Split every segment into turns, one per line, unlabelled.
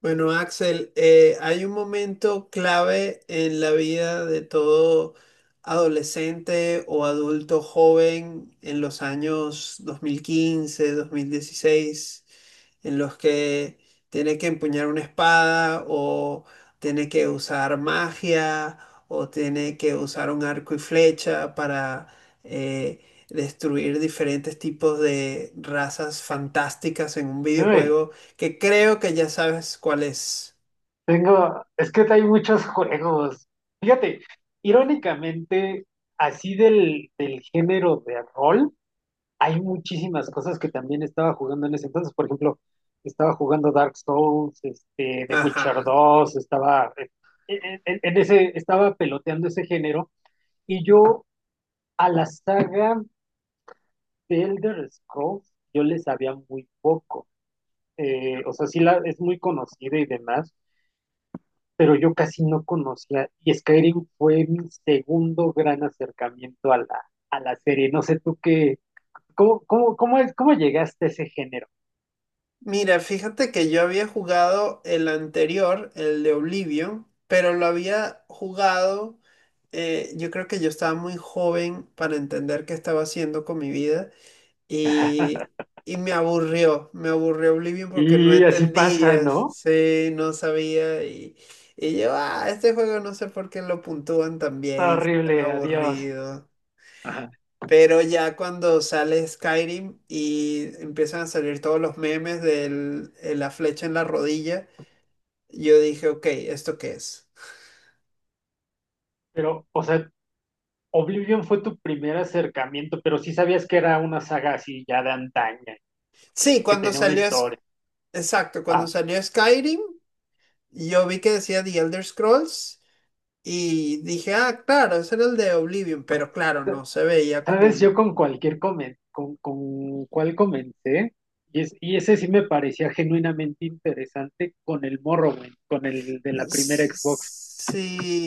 Bueno, Axel, hay un momento clave en la vida de todo adolescente o adulto joven en los años dos mil quince 2016 en los que tiene que empuñar una espada o tiene que usar magia o tiene que usar un arco y flecha para eh, destruir diferentes tipos de razas fantásticas en un
Uy,
videojuego que creo que ya sabes cuál es.
tengo, es que hay muchos juegos. Fíjate, irónicamente, así del género de rol, hay muchísimas cosas que también estaba jugando en ese entonces. Por ejemplo, estaba jugando Dark Souls, The Witcher
Ajá.
2 estaba en ese, estaba peloteando ese género. Y yo a la saga de Elder Scrolls, yo le sabía muy poco. O sea, sí la, es muy conocida y demás, pero yo casi no conocía, y Skyrim fue mi segundo gran acercamiento a la serie. No sé tú qué, cómo, cómo, cómo, es- cómo llegaste a ese género.
Mira, fíjate que yo había jugado el anterior, el de Oblivion, pero lo había jugado, yo creo que yo estaba muy joven para entender qué estaba haciendo con mi vida y, y me aburrió Oblivion porque no
Y así pasa,
entendía,
¿no?
sí, no sabía, y yo, ah, este juego no sé por qué lo puntúan tan
Está
bien, si es tan
horrible, adiós.
aburrido.
Ajá.
Pero ya cuando sale Skyrim y empiezan a salir todos los memes de la flecha en la rodilla, yo dije, ok, ¿esto qué es?
Pero, o sea, Oblivion fue tu primer acercamiento, pero sí sabías que era una saga así ya de antaña
Sí,
y que
cuando
tenía una
salió,
historia.
exacto, cuando
Ah,
salió Skyrim, yo vi que decía The Elder Scrolls y dije, ah, claro, ese era el de Oblivion, pero claro, no se veía como...
¿sabes? Yo con cualquier con cuál comencé, y ese sí me parecía genuinamente interesante con el Morrowind, con el de la primera Xbox.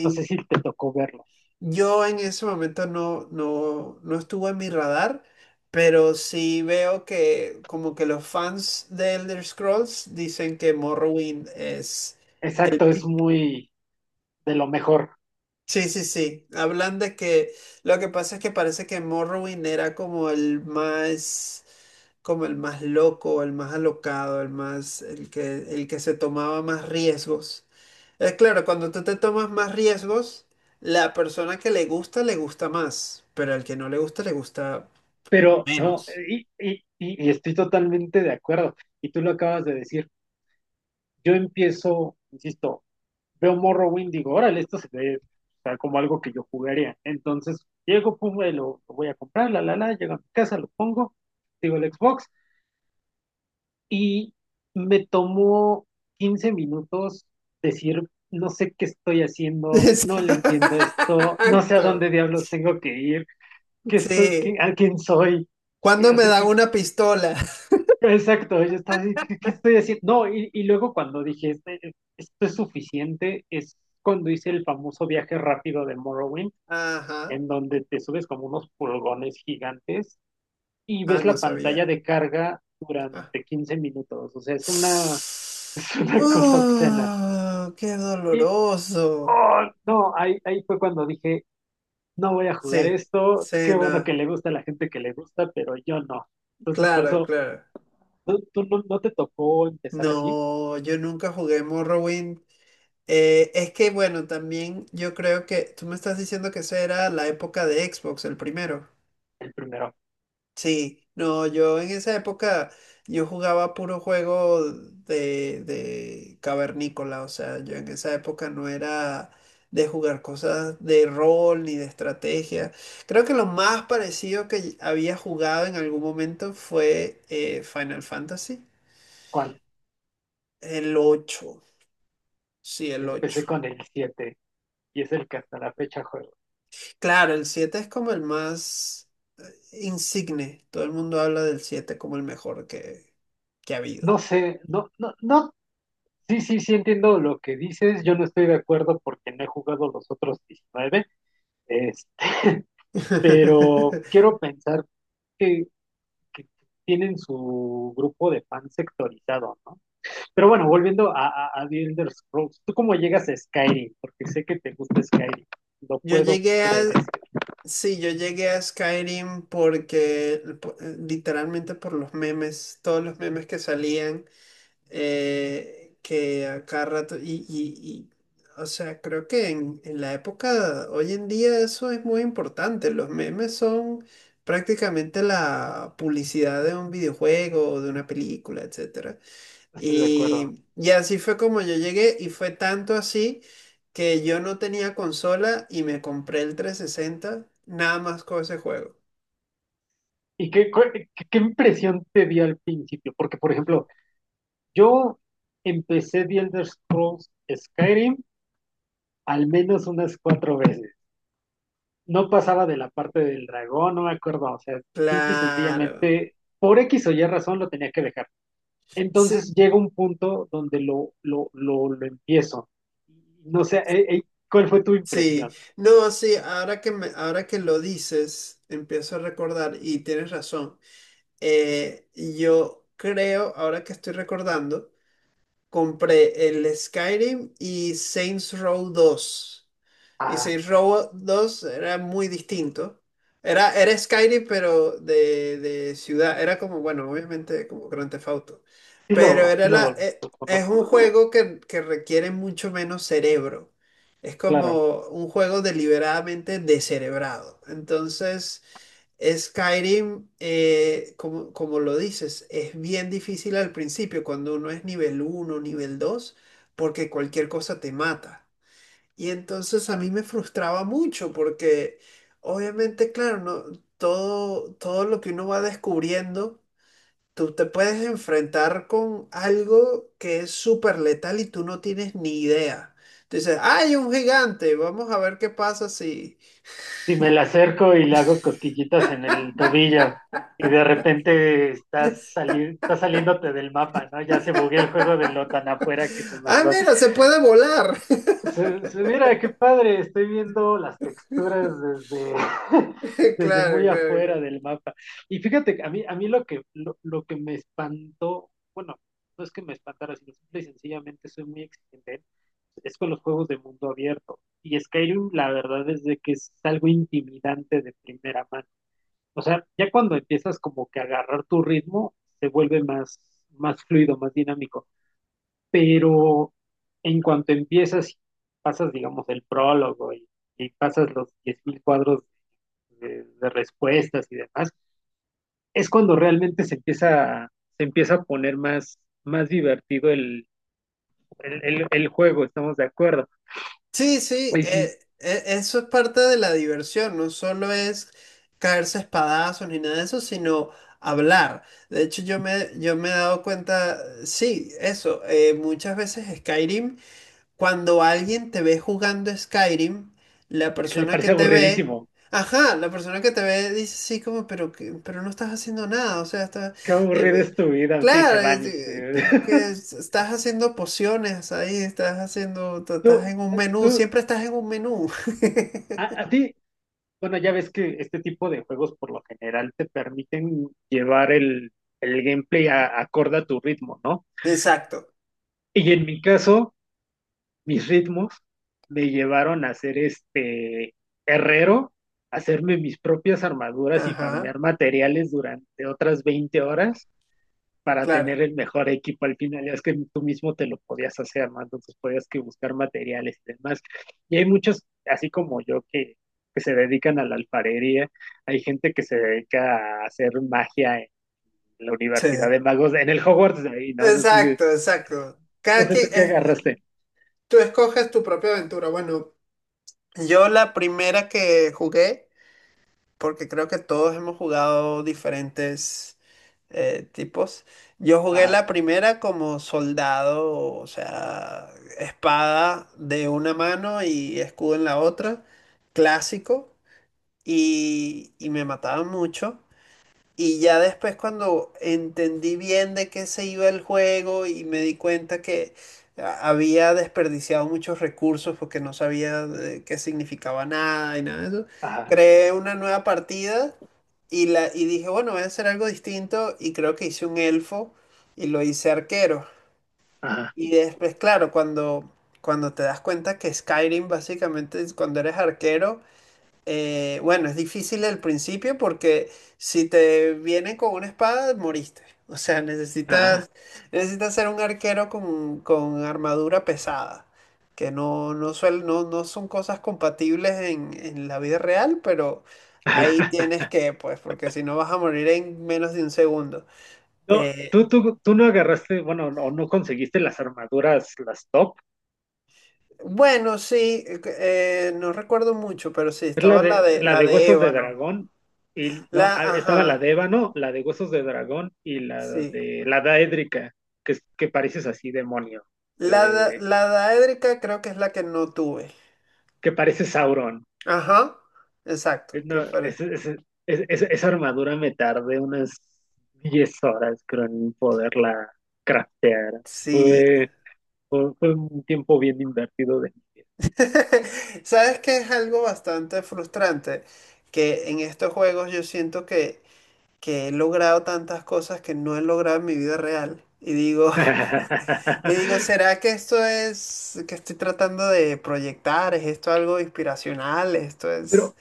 No sé si te tocó verlo.
yo en ese momento no estuvo en mi radar, pero sí veo que como que los fans de Elder Scrolls dicen que Morrowind es el...
Exacto, es muy de lo mejor.
Sí, sí, sí. Hablan de que lo que pasa es que parece que Morrowind era como el más loco, el más alocado, el que se tomaba más riesgos. Claro, cuando tú te tomas más riesgos, la persona que le gusta más, pero al que no le gusta, le gusta
Pero no,
menos.
y estoy totalmente de acuerdo. Y tú lo acabas de decir. Yo empiezo, insisto, veo Morrowind, digo, órale, esto se ve, o sea, como algo que yo jugaría. Entonces, llego, pum, lo voy a comprar, llego a mi casa, lo pongo, digo el Xbox, y me tomó 15 minutos decir: no sé qué estoy haciendo, no le entiendo esto, no sé a
Exacto.
dónde diablos tengo que ir,
Sí.
a quién soy,
¿Cuándo
o
me
sea,
dan una pistola?
exacto, yo estaba. ¿Qué estoy haciendo? No, y luego cuando dije: "Esto es suficiente", es cuando hice el famoso viaje rápido de Morrowind,
Ajá.
en donde te subes como unos pulgones gigantes y
Ah,
ves
no
la pantalla
sabía.
de carga
Ah.
durante 15 minutos. O sea, es una cosa obscena.
Qué
Y
doloroso.
oh, no, ahí fue cuando dije: no voy a jugar
Sí,
esto, qué bueno que
cena.
le gusta a la gente que le gusta, pero yo no. Entonces, por
Claro,
eso,
claro.
¿tú no te tocó empezar así
No, yo nunca jugué Morrowind. Es que bueno, también yo creo que tú me estás diciendo que esa era la época de Xbox, el primero.
el primero?
Sí, no, yo en esa época yo jugaba puro juego de cavernícola, o sea, yo en esa época no era de jugar cosas de rol ni de estrategia. Creo que lo más parecido que había jugado en algún momento fue Final Fantasy,
¿Cuál?
el ocho, sí, el
Yo empecé
ocho.
con el 7 y es el que hasta la fecha juego.
Claro, el 7 es como el más insigne. Todo el mundo habla del 7 como el mejor que ha habido.
No sé, no, no, no, sí, sí, sí, entiendo lo que dices. Yo no estoy de acuerdo porque no he jugado los otros 19, este, pero quiero pensar que, que tienen su grupo de fans sectorizado, ¿no? Pero bueno, volviendo a The Elder Scrolls, ¿tú cómo llegas a Skyrim? Porque sé que te gusta Skyrim, lo
Yo
puedo
llegué a...
predecir,
Sí, yo llegué a Skyrim porque literalmente por los memes, todos los memes que salían, que a cada rato, o sea, creo que en la época, hoy en día eso es muy importante, los memes son prácticamente la publicidad de un videojuego, de una película, etcétera.
no estoy de acuerdo.
Y así fue como yo llegué y fue tanto así que yo no tenía consola y me compré el 360 nada más con ese juego.
¿Y qué impresión te dio al principio? Porque, por ejemplo, yo empecé The Elder Scrolls Skyrim al menos unas cuatro veces. No pasaba de la parte del dragón, no me acuerdo, o sea, simple y
Claro.
sencillamente, por X o Y razón lo tenía que dejar.
Sí,
Entonces llega un punto donde lo empiezo. No sé, ¿cuál fue tu
sí.
impresión?
No, sí, ahora que lo dices, empiezo a recordar y tienes razón. Yo creo, ahora que estoy recordando, compré el Skyrim y Saints Row dos. Y
Ah,
Saints Row 2 era muy distinto. Era Skyrim, pero de ciudad. Era como, bueno, obviamente como Grand Theft Auto.
sí
Pero
lo,
era
sí lo, lo
es
conozco.
un juego que requiere mucho menos cerebro. Es
Claro.
como un juego deliberadamente descerebrado. Entonces, Skyrim, como lo dices, es bien difícil al principio cuando uno es nivel uno nivel 2 porque cualquier cosa te mata. Y entonces a mí me frustraba mucho porque obviamente, claro, no, todo lo que uno va descubriendo, tú te puedes enfrentar con algo que es súper letal y tú no tienes ni idea. Tú dices, hay un gigante, vamos a ver qué pasa si...
Si me la acerco y le hago cosquillitas en el tobillo y de repente estás saliéndote del mapa, ¿no? Ya se buguea el juego de lo tan afuera que te
Ah,
mandó.
mira, se puede volar.
Mira, qué padre, estoy viendo las texturas desde,
Claro,
desde muy
claro, claro.
afuera del mapa. Y fíjate que a mí lo que me espantó, bueno, no es que me espantara, sino simple y sencillamente soy muy exigente, es con los juegos de mundo abierto. Y Skyrim, la verdad es de que es algo intimidante de primera mano. O sea, ya cuando empiezas como que a agarrar tu ritmo, se vuelve más fluido, más dinámico, pero en cuanto empiezas, y pasas, digamos, el prólogo y pasas los 10.000 cuadros de respuestas y demás, es cuando realmente se empieza a poner más divertido el juego, estamos de acuerdo.
Sí, sí,
Oye, sí,
eso es parte de la diversión, no solo es caerse a espadazos ni nada de eso, sino hablar. De hecho, yo me he dado cuenta, sí, eso, muchas veces Skyrim cuando alguien te ve jugando Skyrim, la
le
persona que
parece
te ve,
aburridísimo.
ajá, la persona que te ve dice sí como, pero, pero no estás haciendo nada, o sea, estás,
Qué aburrida
eh,
es tu vida, te dice
claro, es,
Vanis.
estás haciendo pociones ahí, estás haciendo, estás
Tú,
en un menú,
tú,
siempre estás en un menú.
a ti, Bueno, ya ves que este tipo de juegos por lo general te permiten llevar el gameplay acorde a tu ritmo, ¿no?
Exacto,
Y en mi caso, mis ritmos me llevaron a ser herrero, hacerme mis propias armaduras y farmear
ajá,
materiales durante otras 20 horas para
claro,
tener el mejor equipo al final. Es que tú mismo te lo podías hacer, ¿no? Entonces podías que buscar materiales y demás. Y hay muchos, así como yo, que se dedican a la alfarería. Hay gente que se dedica a hacer magia en la
sí,
Universidad de Magos, en el Hogwarts ahí, ¿no? No sé,
exacto, exacto. Cada
tú
quien,
qué agarraste.
tú escoges tu propia aventura. Bueno, yo la primera que jugué porque creo que todos hemos jugado diferentes tipos. Yo jugué
Ajá,
la primera como soldado, o sea, espada de una mano y escudo en la otra, clásico, y me mataban mucho. Y ya después cuando entendí bien de qué se iba el juego y me di cuenta que había desperdiciado muchos recursos porque no sabía de qué significaba nada y nada de eso,
ajá,
creé una nueva partida y dije, bueno, voy a hacer algo distinto y creo que hice un elfo y lo hice arquero.
ajá,
Y después, claro, cuando, cuando te das cuenta que Skyrim básicamente es cuando eres arquero, bueno, es difícil al principio porque si te vienen con una espada, moriste. O sea,
ajá.
necesitas ser un arquero con armadura pesada, que no son cosas compatibles en la vida real, pero ahí tienes que, pues, porque si no vas a morir en menos de un segundo.
No,
Eh,
tú no agarraste, bueno, o no conseguiste las armaduras, las top.
bueno, sí, no recuerdo mucho, pero sí,
Es la
estaba la
de,
de,
la
la
de
de
Huesos de
ébano.
Dragón. Y no,
La,
estaba la
ajá,
de Ébano, la de Huesos de Dragón y la
sí.
de la Daédrica, que pareces así demonio,
La, da-
eh,
la daédrica creo que es la que no tuve.
que pareces Sauron.
Ajá, exacto. Que
No,
parece.
esa armadura me tardé unas 10 horas, creo, en poderla craftear.
Sí.
Fue, fue un tiempo bien invertido de mi vida.
¿Sabes que es algo bastante frustrante? Que en estos juegos yo siento que he logrado tantas cosas que no he logrado en mi vida real. Y digo, y digo, ¿será que esto es que estoy tratando de proyectar? ¿Es esto algo inspiracional? ¿Esto es...?
Pero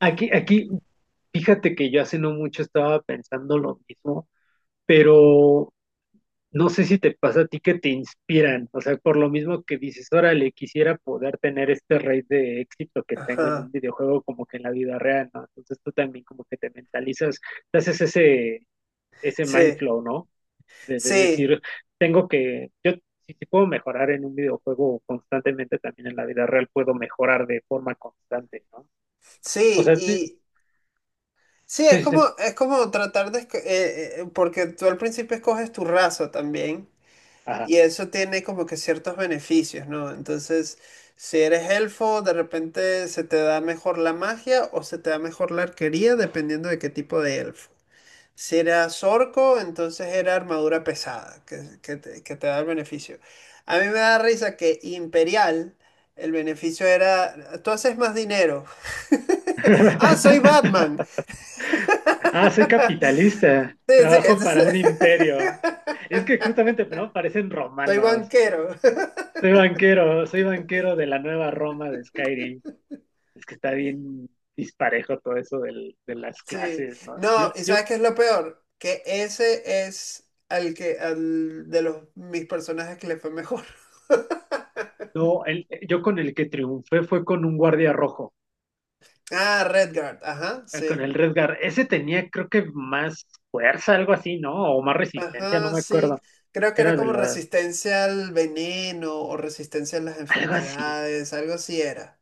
aquí, aquí, fíjate que yo hace no mucho estaba pensando lo mismo, pero no sé si te pasa a ti que te inspiran, o sea, por lo mismo que dices, órale, quisiera poder tener este rate de éxito que tengo en
Ajá.
un videojuego como que en la vida real, ¿no? Entonces tú también como que te mentalizas, te haces ese mind
Sí,
flow, ¿no? De
sí,
decir, yo, si puedo mejorar en un videojuego constantemente, también en la vida real puedo mejorar de forma constante, ¿no? O sea, sí,
sí. Sí,
sí, sí.
es como tratar de, porque tú al principio escoges tu raza también
Ajá.
y eso tiene como que ciertos beneficios, ¿no? Entonces, si eres elfo, de repente se te da mejor la magia o se te da mejor la arquería, dependiendo de qué tipo de elfo. Si eras orco, entonces era armadura pesada, que te da el beneficio. A mí me da risa que imperial, el beneficio era, tú haces más dinero. Ah, soy Batman.
Ah, soy capitalista,
Sí, sí,
trabajo para un imperio. Es que justamente, ¿no? Parecen
soy
romanos.
banquero.
Soy banquero de la nueva Roma de Skyrim. Es que está bien disparejo todo eso del- de las
Sí.
clases, ¿no?
No, ¿y sabes qué es lo peor? Que ese es al que, al de los mis personajes que le fue mejor.
No, yo con el que triunfé fue con un guardia rojo,
Ah, Redguard, ajá,
con
sí.
el Redgar. Ese tenía, creo que más fuerza, algo así, ¿no? O más resistencia, no
Ajá,
me
sí.
acuerdo.
Creo que era
Era de
como
lo,
resistencia al veneno o resistencia a las
Algo así.
enfermedades, algo así era.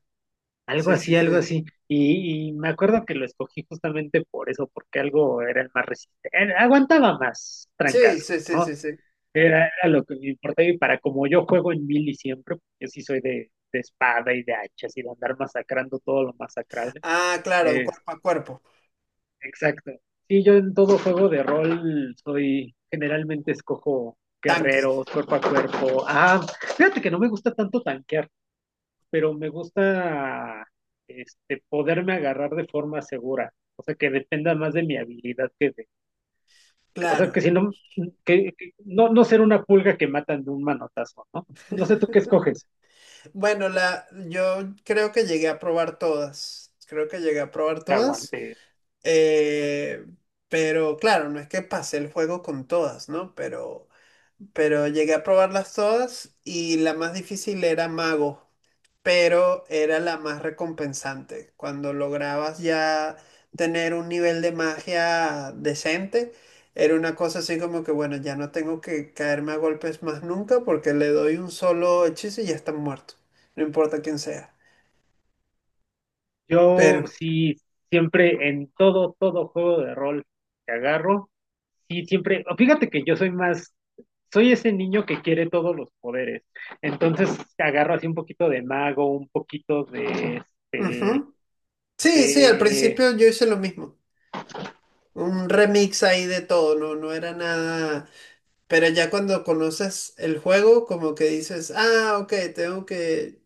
Algo
Sí, sí,
así,
sí.
algo así. Y me acuerdo que lo escogí justamente por eso, porque algo era el más resistente, aguantaba más
Sí, sí,
trancazos,
sí, sí,
¿no?
sí.
Era lo que me importaba, y para como yo juego en mili siempre, yo sí soy de espada y de hachas y de andar masacrando todo lo masacrable.
Ah, claro,
Es,
cuerpo a cuerpo,
exacto. Sí, yo en todo juego de rol soy, generalmente escojo
tanque.
guerreros, cuerpo a cuerpo. Ah, fíjate que no me gusta tanto tanquear, pero me gusta, poderme agarrar de forma segura, o sea, que dependa más de mi habilidad que o sea, que
Claro.
si no, que no ser una pulga que matan de un manotazo, ¿no? No sé tú qué escoges,
Bueno, la, yo creo que llegué a probar todas. Creo que llegué a probar
que
todas.
aguante.
eh, pero claro, no es que pasé el juego con todas, ¿no? Pero llegué a probarlas todas y la más difícil era Mago, pero era la más recompensante. Cuando lograbas ya tener un nivel de magia decente, era una cosa así como que, bueno, ya no tengo que caerme a golpes más nunca porque le doy un solo hechizo y ya está muerto. No importa quién sea.
Yo
Pero,
sí, siempre en todo juego de rol que agarro, sí, siempre, o fíjate que yo soy ese niño que quiere todos los poderes, entonces agarro así un poquito de mago, un poquito este,
ujú. Sí, sí, al
de.
principio yo hice lo mismo. Un remix ahí de todo, no, no era nada. Pero ya cuando conoces el juego, como que dices, ah, ok, tengo que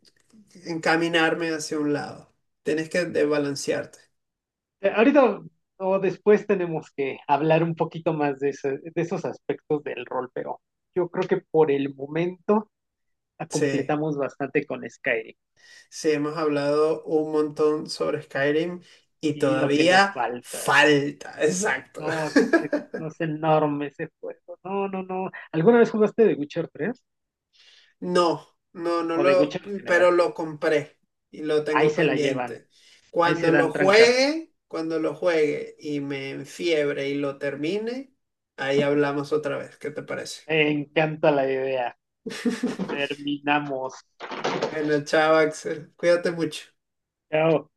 encaminarme hacia un lado. Tienes que desbalancearte.
Ahorita o después tenemos que hablar un poquito más de esos aspectos del rol, pero yo creo que por el momento la
Sí,
completamos bastante con Skyrim
sí, hemos hablado un montón sobre Skyrim y
y lo que nos
todavía
falta.
falta, exacto.
No, no es enorme ese juego. No, no, no. ¿Alguna vez jugaste The Witcher 3,
No, no,
o The Witcher en general?
pero lo compré y lo
Ahí
tengo
se la llevan,
pendiente.
ahí se dan trancas.
Cuando lo juegue y me enfiebre y lo termine, ahí hablamos otra vez. ¿Qué te parece?
Me encanta la idea. Terminamos.
Bueno, chao, Axel. Cuídate mucho.
Chao.